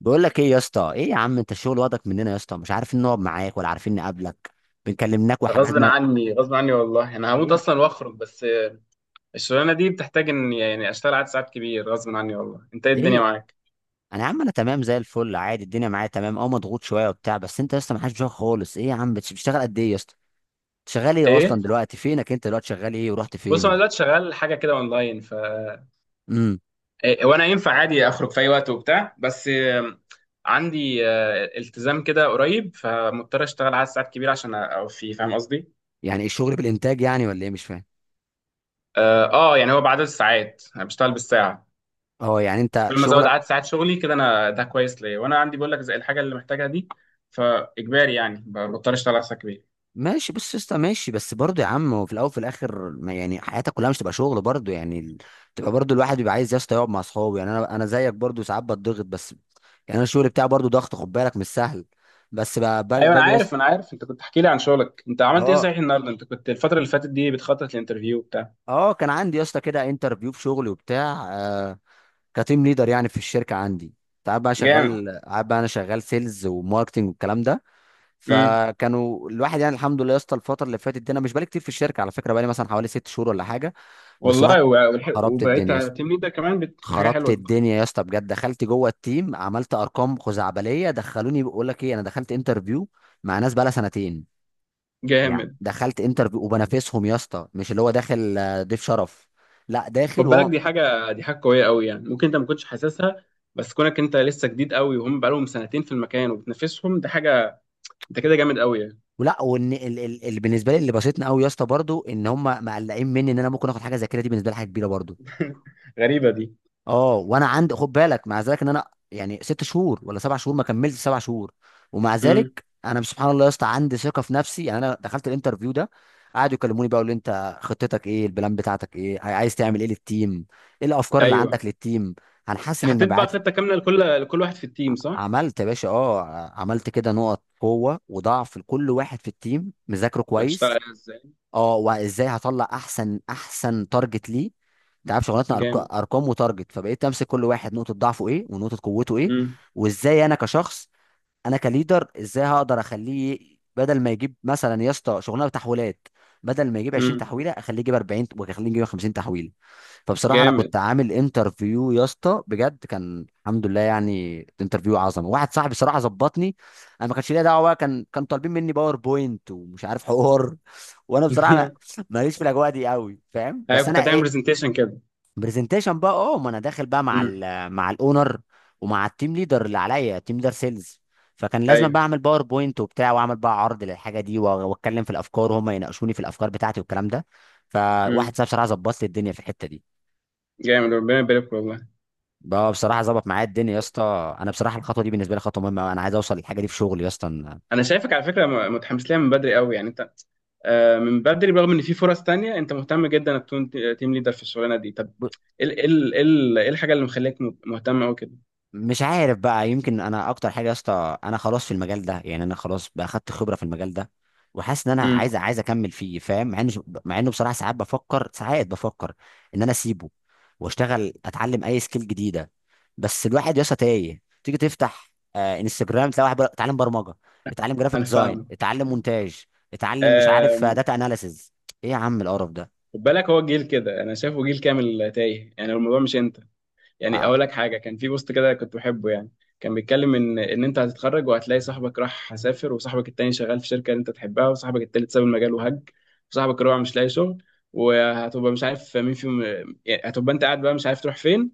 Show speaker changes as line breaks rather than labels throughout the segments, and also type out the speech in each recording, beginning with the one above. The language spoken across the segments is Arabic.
بقول لك ايه يا اسطى؟ ايه يا عم، انت الشغل واخدك مننا يا اسطى، مش عارفين نقعد معاك ولا عارفين نقابلك. بنكلمناك
غصب
وحجزنا.
عني، والله انا هموت
ايه؟
اصلا واخرج بس. الشغلانه دي بتحتاج ان يعني اشتغل عدد ساعات كبير غصب عني والله. انت ايه الدنيا
ايه؟
معاك؟
انا يا عم تمام زي الفل عادي، الدنيا معايا تمام، اه مضغوط شويه وبتاع، بس انت يا اسطى ما حدش بيشوفك خالص. ايه يا عم، بتشتغل قد ايه يا اسطى؟ شغال ايه
ايه،
اصلا دلوقتي؟ فينك انت دلوقتي؟ شغال ايه ورحت
بص
فين
انا
ولا؟
دلوقتي شغال حاجه كده اونلاين، ف
امم.
إيه، وانا ينفع عادي اخرج في اي وقت وبتاع، بس عندي التزام كده قريب، فمضطر اشتغل عدد ساعات كبير عشان اوفي، فاهم قصدي؟
يعني ايه الشغل، بالانتاج يعني ولا ايه؟ مش فاهم.
يعني هو بعدد الساعات، انا بشتغل بالساعه،
اه، يعني انت
فكل ما ازود
شغلك.
عدد ساعات شغلي كده انا، ده كويس ليا وانا عندي بقول لك زي الحاجه اللي محتاجها دي، فاجباري يعني بضطر اشتغل على ساعات كبيره.
ماشي، بص يا اسطى ماشي، بس برضه يا عم هو في الاول وفي الاخر ما يعني حياتك كلها مش تبقى شغل برضه. تبقى برضه الواحد بيبقى عايز يا اسطى يقعد مع اصحابه. يعني انا زيك برضه، ساعات بتضغط، بس يعني انا الشغل بتاعي برضه ضغط، خد بالك مش سهل. بس
ايوه انا
باجي يا اسطى.
عارف انا عارف انت كنت تحكي لي عن شغلك. انت عملت ايه
اه.
صحيح النهارده؟ انت كنت الفتره اللي فاتت دي بتخطط لانترفيو بتاع.
اه كان عندي يا اسطى كده انترفيو في شغلي وبتاع، آه، كتيم ليدر يعني في الشركه عندي. تعب بقى،
جامد.
شغال قاعد بقى، انا شغال سيلز وماركتنج والكلام ده.
امم.
فكانوا الواحد يعني، الحمد لله يا اسطى، الفتره اللي فاتت دي انا مش بقالي كتير في الشركه على فكره، بقالي مثلا حوالي ست شهور ولا حاجه. بس رحت،
والله و- والح-
خربت الدنيا
وبقيت
يا اسطى،
تيم ليدر كمان؟ دي حاجه
خربت
حلوه دي.
الدنيا يا اسطى بجد، دخلت جوه التيم عملت ارقام خزعبليه، دخلوني بقول لك ايه، انا دخلت انترفيو مع ناس بقالها سنتين. يعني
جامد.
دخلت انترفيو وبنافسهم يا اسطى، مش اللي هو داخل ضيف شرف، لا
خد
داخل
بالك،
وهو.
دي حاجه قويه قوي، يعني ممكن انت ما كنتش حاسسها، بس كونك انت لسه جديد قوي وهم بقالهم سنتين في المكان وبتنافسهم، ده حاجه. انت كده جامد قوي يعني.
ولا وان بالنسبه لي اللي بسطني قوي يا اسطى برضو ان هم مقلقين مني، ان انا ممكن اخد حاجه زي كده، دي بالنسبه لي حاجه كبيره برضو.
غريبه دي.
اه، وانا عندي خد بالك، مع ذلك ان انا يعني ست شهور ولا سبع شهور، ما كملتش سبع شهور، ومع
امم.
ذلك انا سبحان الله يا اسطى عندي ثقه في نفسي. يعني انا دخلت الانترفيو ده، قعدوا يكلموني بقى، يقولوا لي انت خطتك ايه، البلان بتاعتك ايه، عايز تعمل ايه للتيم، ايه الافكار اللي
ايوه.
عندك للتيم. هنحسن
انت حطيت بقى
المبيعات.
خطه كامله لكل واحد في التيم صح؟
عملت يا باشا، اه. عملت كده نقط قوه وضعف لكل واحد في التيم، مذاكره كويس.
هتشتغل ازاي؟
اه، وازاي هطلع احسن احسن تارجت ليه. انت عارف شغلتنا
جامد.
ارقام وتارجت، فبقيت امسك كل واحد نقطه ضعفه ايه ونقطه قوته ايه.
امم.
وازاي انا كشخص، انا كليدر، ازاي هقدر اخليه بدل ما يجيب مثلا يا اسطى شغلانه تحويلات، بدل ما يجيب 20
امم.
تحويله اخليه يجيب 40، واخليه يجيب 50 تحويله. فبصراحه انا كنت
جامد.
عامل انترفيو يا اسطى بجد، كان الحمد لله يعني انترفيو عظمه، واحد صاحبي صراحه ظبطني. انا ما كانش ليا دعوه بقى، كان كان طالبين مني باوربوينت ومش عارف حوار. وانا بصراحه ماليش في الاجواء دي قوي، فاهم؟
ايوه
بس
كنت
انا
هتعمل
ايه،
برزنتيشن كده.
برزنتيشن بقى، اه، ما انا داخل بقى مع
امم.
ال، مع الاونر، ومع التيم ليدر اللي عليا، تيم ليدر سيلز. فكان لازم
ايوه.
بقى اعمل باوربوينت وبتاع، واعمل بقى عرض للحاجه دي، واتكلم في الافكار وهم يناقشوني في الافكار بتاعتي والكلام ده. فواحد
امم.
صاحبي بصراحه ظبط لي الدنيا في الحته دي.
جامد، ربنا يبارك والله.
بقى بصراحه ظبط معايا الدنيا يا اسطى، انا بصراحه الخطوه دي بالنسبه لي خطوه مهمه أوي. انا عايز اوصل للحاجه دي في شغلي يا اسطى.
انا شايفك على فكره متحمس لها من بدري قوي، يعني انت من بدري، برغم ان في فرص تانية، انت مهتم جدا انك تكون تيم ليدر في الشغلانه دي. طب
ب-
ايه ال- إيه ال- إيه ال- إيه الحاجه اللي مخليك مهتم قوي كده؟
مش عارف بقى، يمكن انا اكتر حاجه يا اسطى، انا خلاص في المجال ده، يعني انا خلاص بقى اخدت خبره في المجال ده، وحاسس ان انا
امم.
عايز اكمل فيه، فاهم؟ مع انه، مع انه بصراحه ساعات بفكر، ساعات بفكر، ان انا اسيبه واشتغل اتعلم اي سكيل جديده. بس الواحد يا اسطى تايه، تيجي تفتح انستجرام تلاقي واحد بيقول لك اتعلم برمجه، اتعلم جرافيك
انا
ديزاين،
فاهمه.
اتعلم مونتاج، اتعلم مش عارف
آم،
داتا اناليسز. ايه يا عم القرف ده؟
خد بالك، هو جيل كده، انا شايفه جيل كامل تايه، يعني الموضوع مش انت. يعني
آه،
اقول لك حاجه، كان في بوست كده كنت بحبه يعني، كان بيتكلم ان انت هتتخرج وهتلاقي صاحبك راح سافر، وصاحبك التاني شغال في شركه اللي انت تحبها، وصاحبك التالت ساب المجال وهج، وصاحبك الرابع مش لاقي شغل، وهتبقى مش عارف مين فيهم، يعني هتبقى انت قاعد بقى مش عارف تروح فين،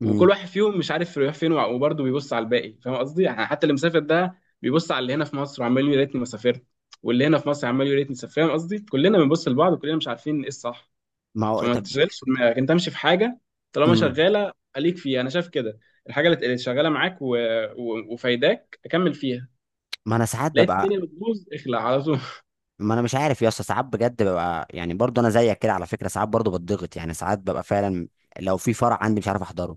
وكل
مم.
واحد فيهم مش عارف يروح فين، وبرضه بيبص على الباقي، فاهم قصدي؟ يعني حتى اللي مسافر ده بيبص على اللي هنا في مصر وعمال يقول يا ريتني ما سافرت، واللي هنا في مصر عمال يقول يا ريتني سافرت. فاهم قصدي؟ كلنا بنبص لبعض وكلنا مش عارفين ايه الصح.
ما هو
فما
طب.
تشغلش دماغك، انت امشي في حاجه طالما
مم.
شغاله خليك فيها، انا شايف كده. الحاجه اللي شغاله معاك و... و... وفايداك اكمل فيها.
ما انا ساعات
لقيت
ببقى،
الدنيا بتبوظ اخلع على طول.
ما انا مش عارف يا اسطى، ساعات بجد ببقى يعني برضو انا زيك كده على فكره، ساعات برضو بتضغط يعني، ساعات ببقى فعلا لو في فرع عندي مش عارف احضره،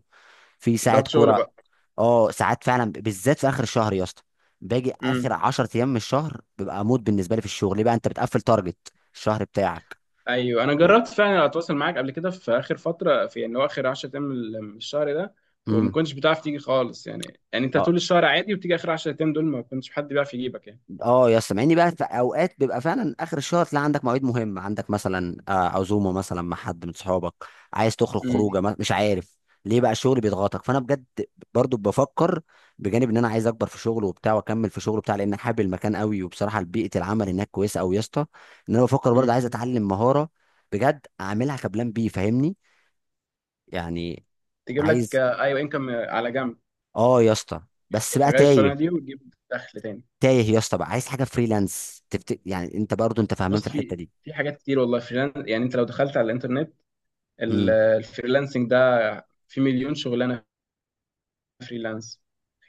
في ساعه
ضغط شغل
كوره.
بقى.
اه ساعات فعلا، بالذات في اخر الشهر يا اسطى، باجي اخر
امم.
10 ايام من الشهر ببقى اموت بالنسبه لي في الشغل، ليه بقى؟ انت بتقفل تارجت الشهر بتاعك.
ايوه انا
و...
جربت فعلا اتواصل معاك قبل كده في اخر فتره، في ان هو اخر 10 ايام من الشهر ده، وما
امم.
كنتش بتعرف تيجي خالص، يعني يعني انت طول الشهر عادي وبتيجي اخر 10 ايام دول ما كنتش حد بيعرف يجيبك يعني.
اه يا اسطى، مع اني بقى في اوقات بيبقى فعلا اخر الشهر، تلاقي عندك مواعيد مهمه، عندك مثلا عزومه مثلا مع حد من صحابك، عايز تخرج
امم.
خروجه، مش عارف، ليه بقى الشغل بيضغطك؟ فانا بجد برضو بفكر، بجانب ان انا عايز اكبر في شغل وبتاع واكمل في شغل بتاع، لان حابب المكان قوي، وبصراحه بيئه العمل هناك كويسه قوي يا اسطى، ان انا بفكر برضو
امم.
عايز اتعلم مهاره بجد اعملها كبلان بي، فاهمني يعني؟
تجيب لك
عايز،
ايوه، انكم على جنب،
اه يا اسطى،
يعني
بس
تبقى
بقى
شغال الشغلانه
تايه،
دي وتجيب دخل تاني.
تايه يا اسطى بقى، عايز حاجه فريلانس يعني انت برضو انت فاهمان في
بص،
الحته
في
دي.
في حاجات كتير والله. فريلانس، يعني انت لو دخلت على الانترنت
إمم.
الفريلانسنج ده، في مليون شغلانه فريلانس.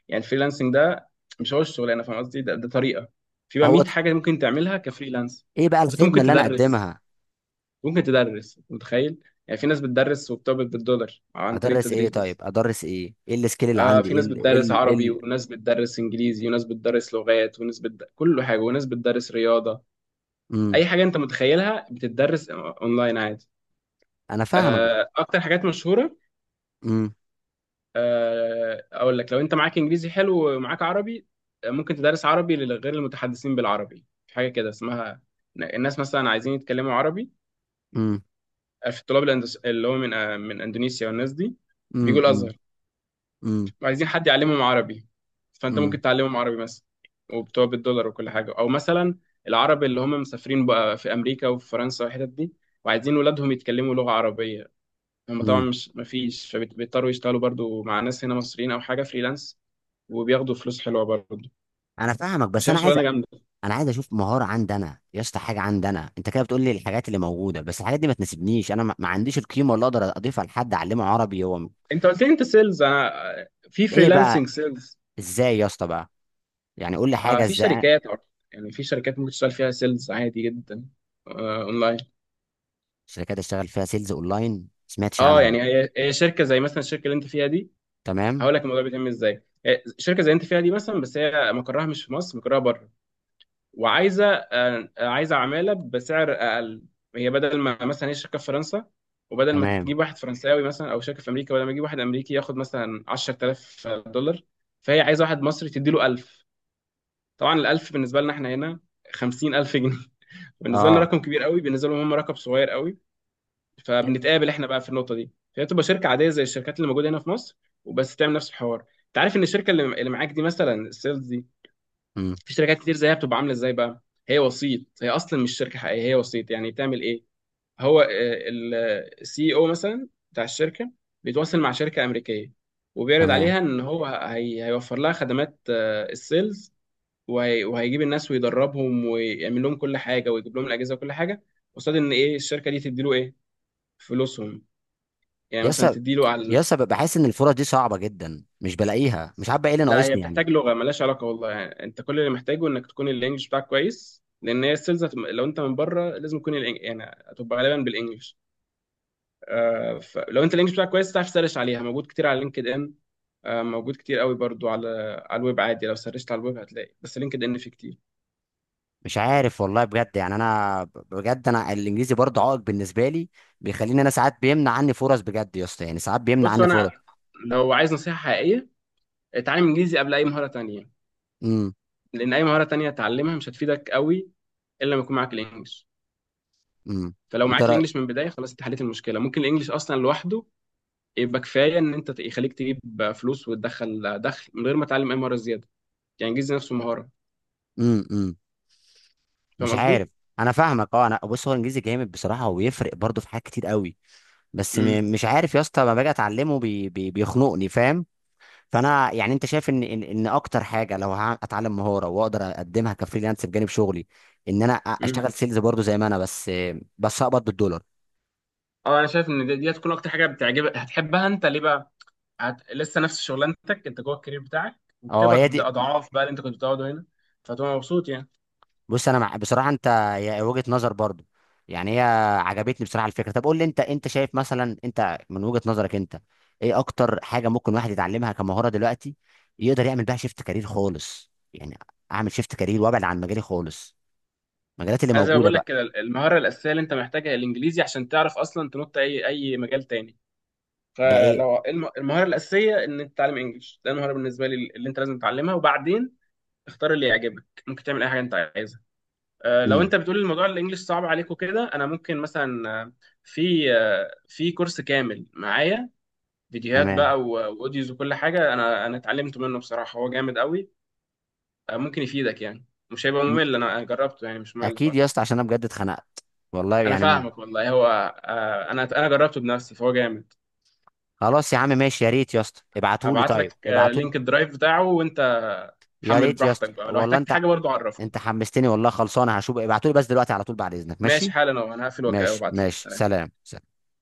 يعني الفريلانسنج ده مش هو الشغلانه، فاهم قصدي؟ ده طريقه، في بقى
هو
100 حاجه ممكن تعملها كفريلانس.
ايه بقى
فانت
الخدمه
ممكن
اللي انا
تدرس،
اقدمها؟
ممكن تدرس، متخيل؟ يعني في ناس بتدرس وبتقبض بالدولار عن طريق
ادرس ايه؟
التدريس
طيب
بس.
ادرس ايه؟ ايه السكيل اللي
آه،
عندي؟
في
ايه
ناس
ال إيه
بتدرس
ال إيه
عربي
ال
وناس بتدرس انجليزي وناس بتدرس لغات وناس كل حاجه، وناس بتدرس رياضه.
امم.
اي حاجه انت متخيلها بتدرس اونلاين عادي.
انا فاهمك.
اكتر حاجات مشهوره،
امم،
اقول لك، لو انت معاك انجليزي حلو ومعاك عربي، ممكن تدرس عربي لغير المتحدثين بالعربي، في حاجه كده اسمها، الناس مثلا عايزين يتكلموا عربي،
امم،
في الطلاب الاندس- اللي هو من آه، من اندونيسيا والناس دي
امم،
بيجوا
امم،
الازهر،
امم،
عايزين حد يعلمهم عربي، فانت ممكن
امم،
تعلمهم عربي مثلا وبتوع بالدولار وكل حاجه. او مثلا العرب اللي هم مسافرين بقى في امريكا وفي فرنسا والحتت دي وعايزين ولادهم يتكلموا لغه عربيه، هم طبعا
امم.
مش مفيش، فبيضطروا يشتغلوا برضو مع ناس هنا مصريين او حاجه فريلانس، وبياخدوا فلوس حلوه برضو. انا
انا فاهمك، بس
شايف
انا عايز،
شغلانه جامده.
انا عايز اشوف مهاره عندي انا يا اسطى، حاجه عندي انا، انت كده بتقول لي الحاجات اللي موجوده، بس الحاجات دي ما تناسبنيش. انا ما عنديش القيمه اللي اقدر اضيفها لحد اعلمه عربي.
انت قلت لي انت سيلز، انا في
ايه بقى؟
فريلانسنج سيلز،
ازاي يا اسطى بقى؟ يعني قول لي حاجه،
في
ازاي؟
شركات أو- يعني في شركات ممكن تشتغل فيها سيلز عادي جدا اونلاين.
شركات اشتغل فيها سيلز اونلاين؟ ما سمعتش
اه،
عنها.
يعني هي شركه زي مثلا الشركه اللي انت فيها دي.
تمام.
هقول لك الموضوع بيتم ازاي. هي شركه زي انت فيها دي مثلا، بس هي مقرها مش في مصر، مقرها بره، وعايزه آه، عايزه عماله بسعر اقل. هي بدل ما مثلا، هي شركه في فرنسا وبدل ما
تمام.
تجيب واحد فرنساوي، مثلا او شركه في امريكا بدل ما تجيب واحد امريكي ياخد مثلا 10000 دولار، فهي عايزه واحد مصري تديله 1000. طبعا ال 1000 بالنسبه لنا احنا هنا 50000 جنيه. بالنسبه لنا
اه،
رقم كبير قوي، بالنسبه لهم هم رقم صغير قوي. فبنتقابل احنا بقى في النقطه دي. فهي تبقى شركه عاديه زي الشركات اللي موجوده هنا في مصر، وبس تعمل نفس الحوار. انت عارف ان الشركه اللي معاك دي مثلا، السيلز، في شركات كتير زيها، بتبقى عامله ازاي بقى؟ هي وسيط، هي اصلا مش شركه حقيقيه، هي وسيط. يعني تعمل ايه؟ هو السي او مثلا بتاع الشركه بيتواصل مع شركه امريكيه وبيعرض
تمام.
عليها ان هو هي هيوفر لها خدمات السيلز، وهي- وهيجيب الناس ويدربهم ويعمل لهم كل حاجه ويجيب لهم الاجهزه وكل حاجه، قصاد ان ايه؟ الشركه دي تديله ايه؟ فلوسهم، يعني مثلا
يسا،
تديله على.
يسا بحس ان الفرص دي صعبه جدا، مش بلاقيها، مش عارف بقى ايه اللي
لا، هي
ناقصني يعني.
بتحتاج لغه، ملهاش علاقه والله، يعني انت كل اللي محتاجه انك تكون الانجليش بتاعك كويس، لان هي السيلز لو انت من بره لازم تكون يعني هتبقى غالبا بالانجليش. آه، فلو انت الانجليش بتاعك كويس تعرف تسرش عليها، موجود كتير على لينكد ان، آه موجود كتير قوي برضو على على الويب عادي، لو سرشت على الويب هتلاقي، بس لينكد ان فيه كتير.
مش عارف والله بجد، يعني انا بجد انا الانجليزي برضه عائق بالنسبه لي، بيخليني انا ساعات، بيمنع عني فرص بجد يا اسطى، يعني ساعات بيمنع
بص
عني فرص.
انا، لو عايز نصيحه حقيقيه، اتعلم انجليزي قبل اي مهاره تانية،
امم.
لان اي مهاره تانية تتعلمها مش هتفيدك قوي الا لما يكون معاك الانجليش.
امم.
فلو
انت
معاك
رأي.
الانجليش من البدايه، خلاص انت حليت المشكله. ممكن الانجليش اصلا لوحده يبقى كفايه، ان انت يخليك تجيب فلوس وتدخل دخل من غير ما تتعلم اي مهاره زياده، يعني جيز نفسه مهاره.
امم. امم.
فاهم
مش
قصدي؟
عارف. انا فاهمك، اه. انا بص، هو الانجليزي جامد بصراحه، وبيفرق برضه في حاجات كتير قوي، بس
امم.
مش عارف يا اسطى، لما باجي اتعلمه بيخنقني، فاهم؟ فانا يعني انت شايف ان ان إن اكتر حاجه لو اتعلم مهاره واقدر اقدمها كفريلانس بجانب شغلي، ان انا اشتغل
امم.
سيلز برضو زي ما انا، بس اقبض بالدولار.
اه، انا شايف ان دي هتكون اكتر حاجه بتعجبك هتحبها. انت ليه بقى؟ لسه نفس شغلانتك، انت جوه الكارير بتاعك،
اه هي
وبتقبض
دي.
اضعاف بقى اللي انت كنت بتقعده هنا، فتبقى مبسوط يعني.
بص انا، مع بصراحه انت، هي وجهه نظر برضو يعني، هي عجبتني بصراحه الفكره. طب قول لي انت شايف مثلا، انت من وجهه نظرك انت، ايه اكتر حاجه ممكن واحد يتعلمها كمهاره دلوقتي يقدر يعمل بيها شيفت كارير خالص يعني؟ اعمل شيفت كارير وابعد عن مجالي خالص، المجالات اللي
انا زي ما
موجوده
بقول لك
بقى.
كده، المهاره الاساسيه اللي انت محتاجها هي الانجليزي، عشان تعرف اصلا تنط اي مجال تاني.
ده ايه؟
فلو المهاره الاساسيه ان انت تتعلم انجلش، ده المهاره بالنسبه لي اللي انت لازم تتعلمها، وبعدين اختار اللي يعجبك، ممكن تعمل اي حاجه انت عايزها. لو
امم.
انت بتقول الموضوع الانجليش صعب عليك وكده، انا ممكن مثلا في كورس كامل معايا، فيديوهات
تمام.
بقى و- واوديوز وكل حاجه، انا اتعلمت منه بصراحه، هو جامد قوي. ممكن يفيدك، يعني مش هيبقى ممل، انا جربته، يعني مش ممل
اكيد يا
خالص.
اسطى، عشان انا بجد اتخنقت والله
انا
يعني
فاهمك والله. هو انا جربته بنفسي فهو جامد.
خلاص يا عم ماشي، يا ريت يا اسطى ابعتولي،
ابعت
طيب
لك
ابعتولي.
لينك الدرايف بتاعه، وانت
يا
حمل
ريت يا
براحتك
اسطى
بقى، لو
والله،
احتجت
انت
حاجه برضو عرفني.
انت حمستني والله، خلصانه هشوف، ابعتولي بس دلوقتي على طول بعد اذنك،
ماشي،
ماشي؟
حالا انا هقفل
ماشي
وابعت لك.
ماشي.
سلام.
سلام سلام.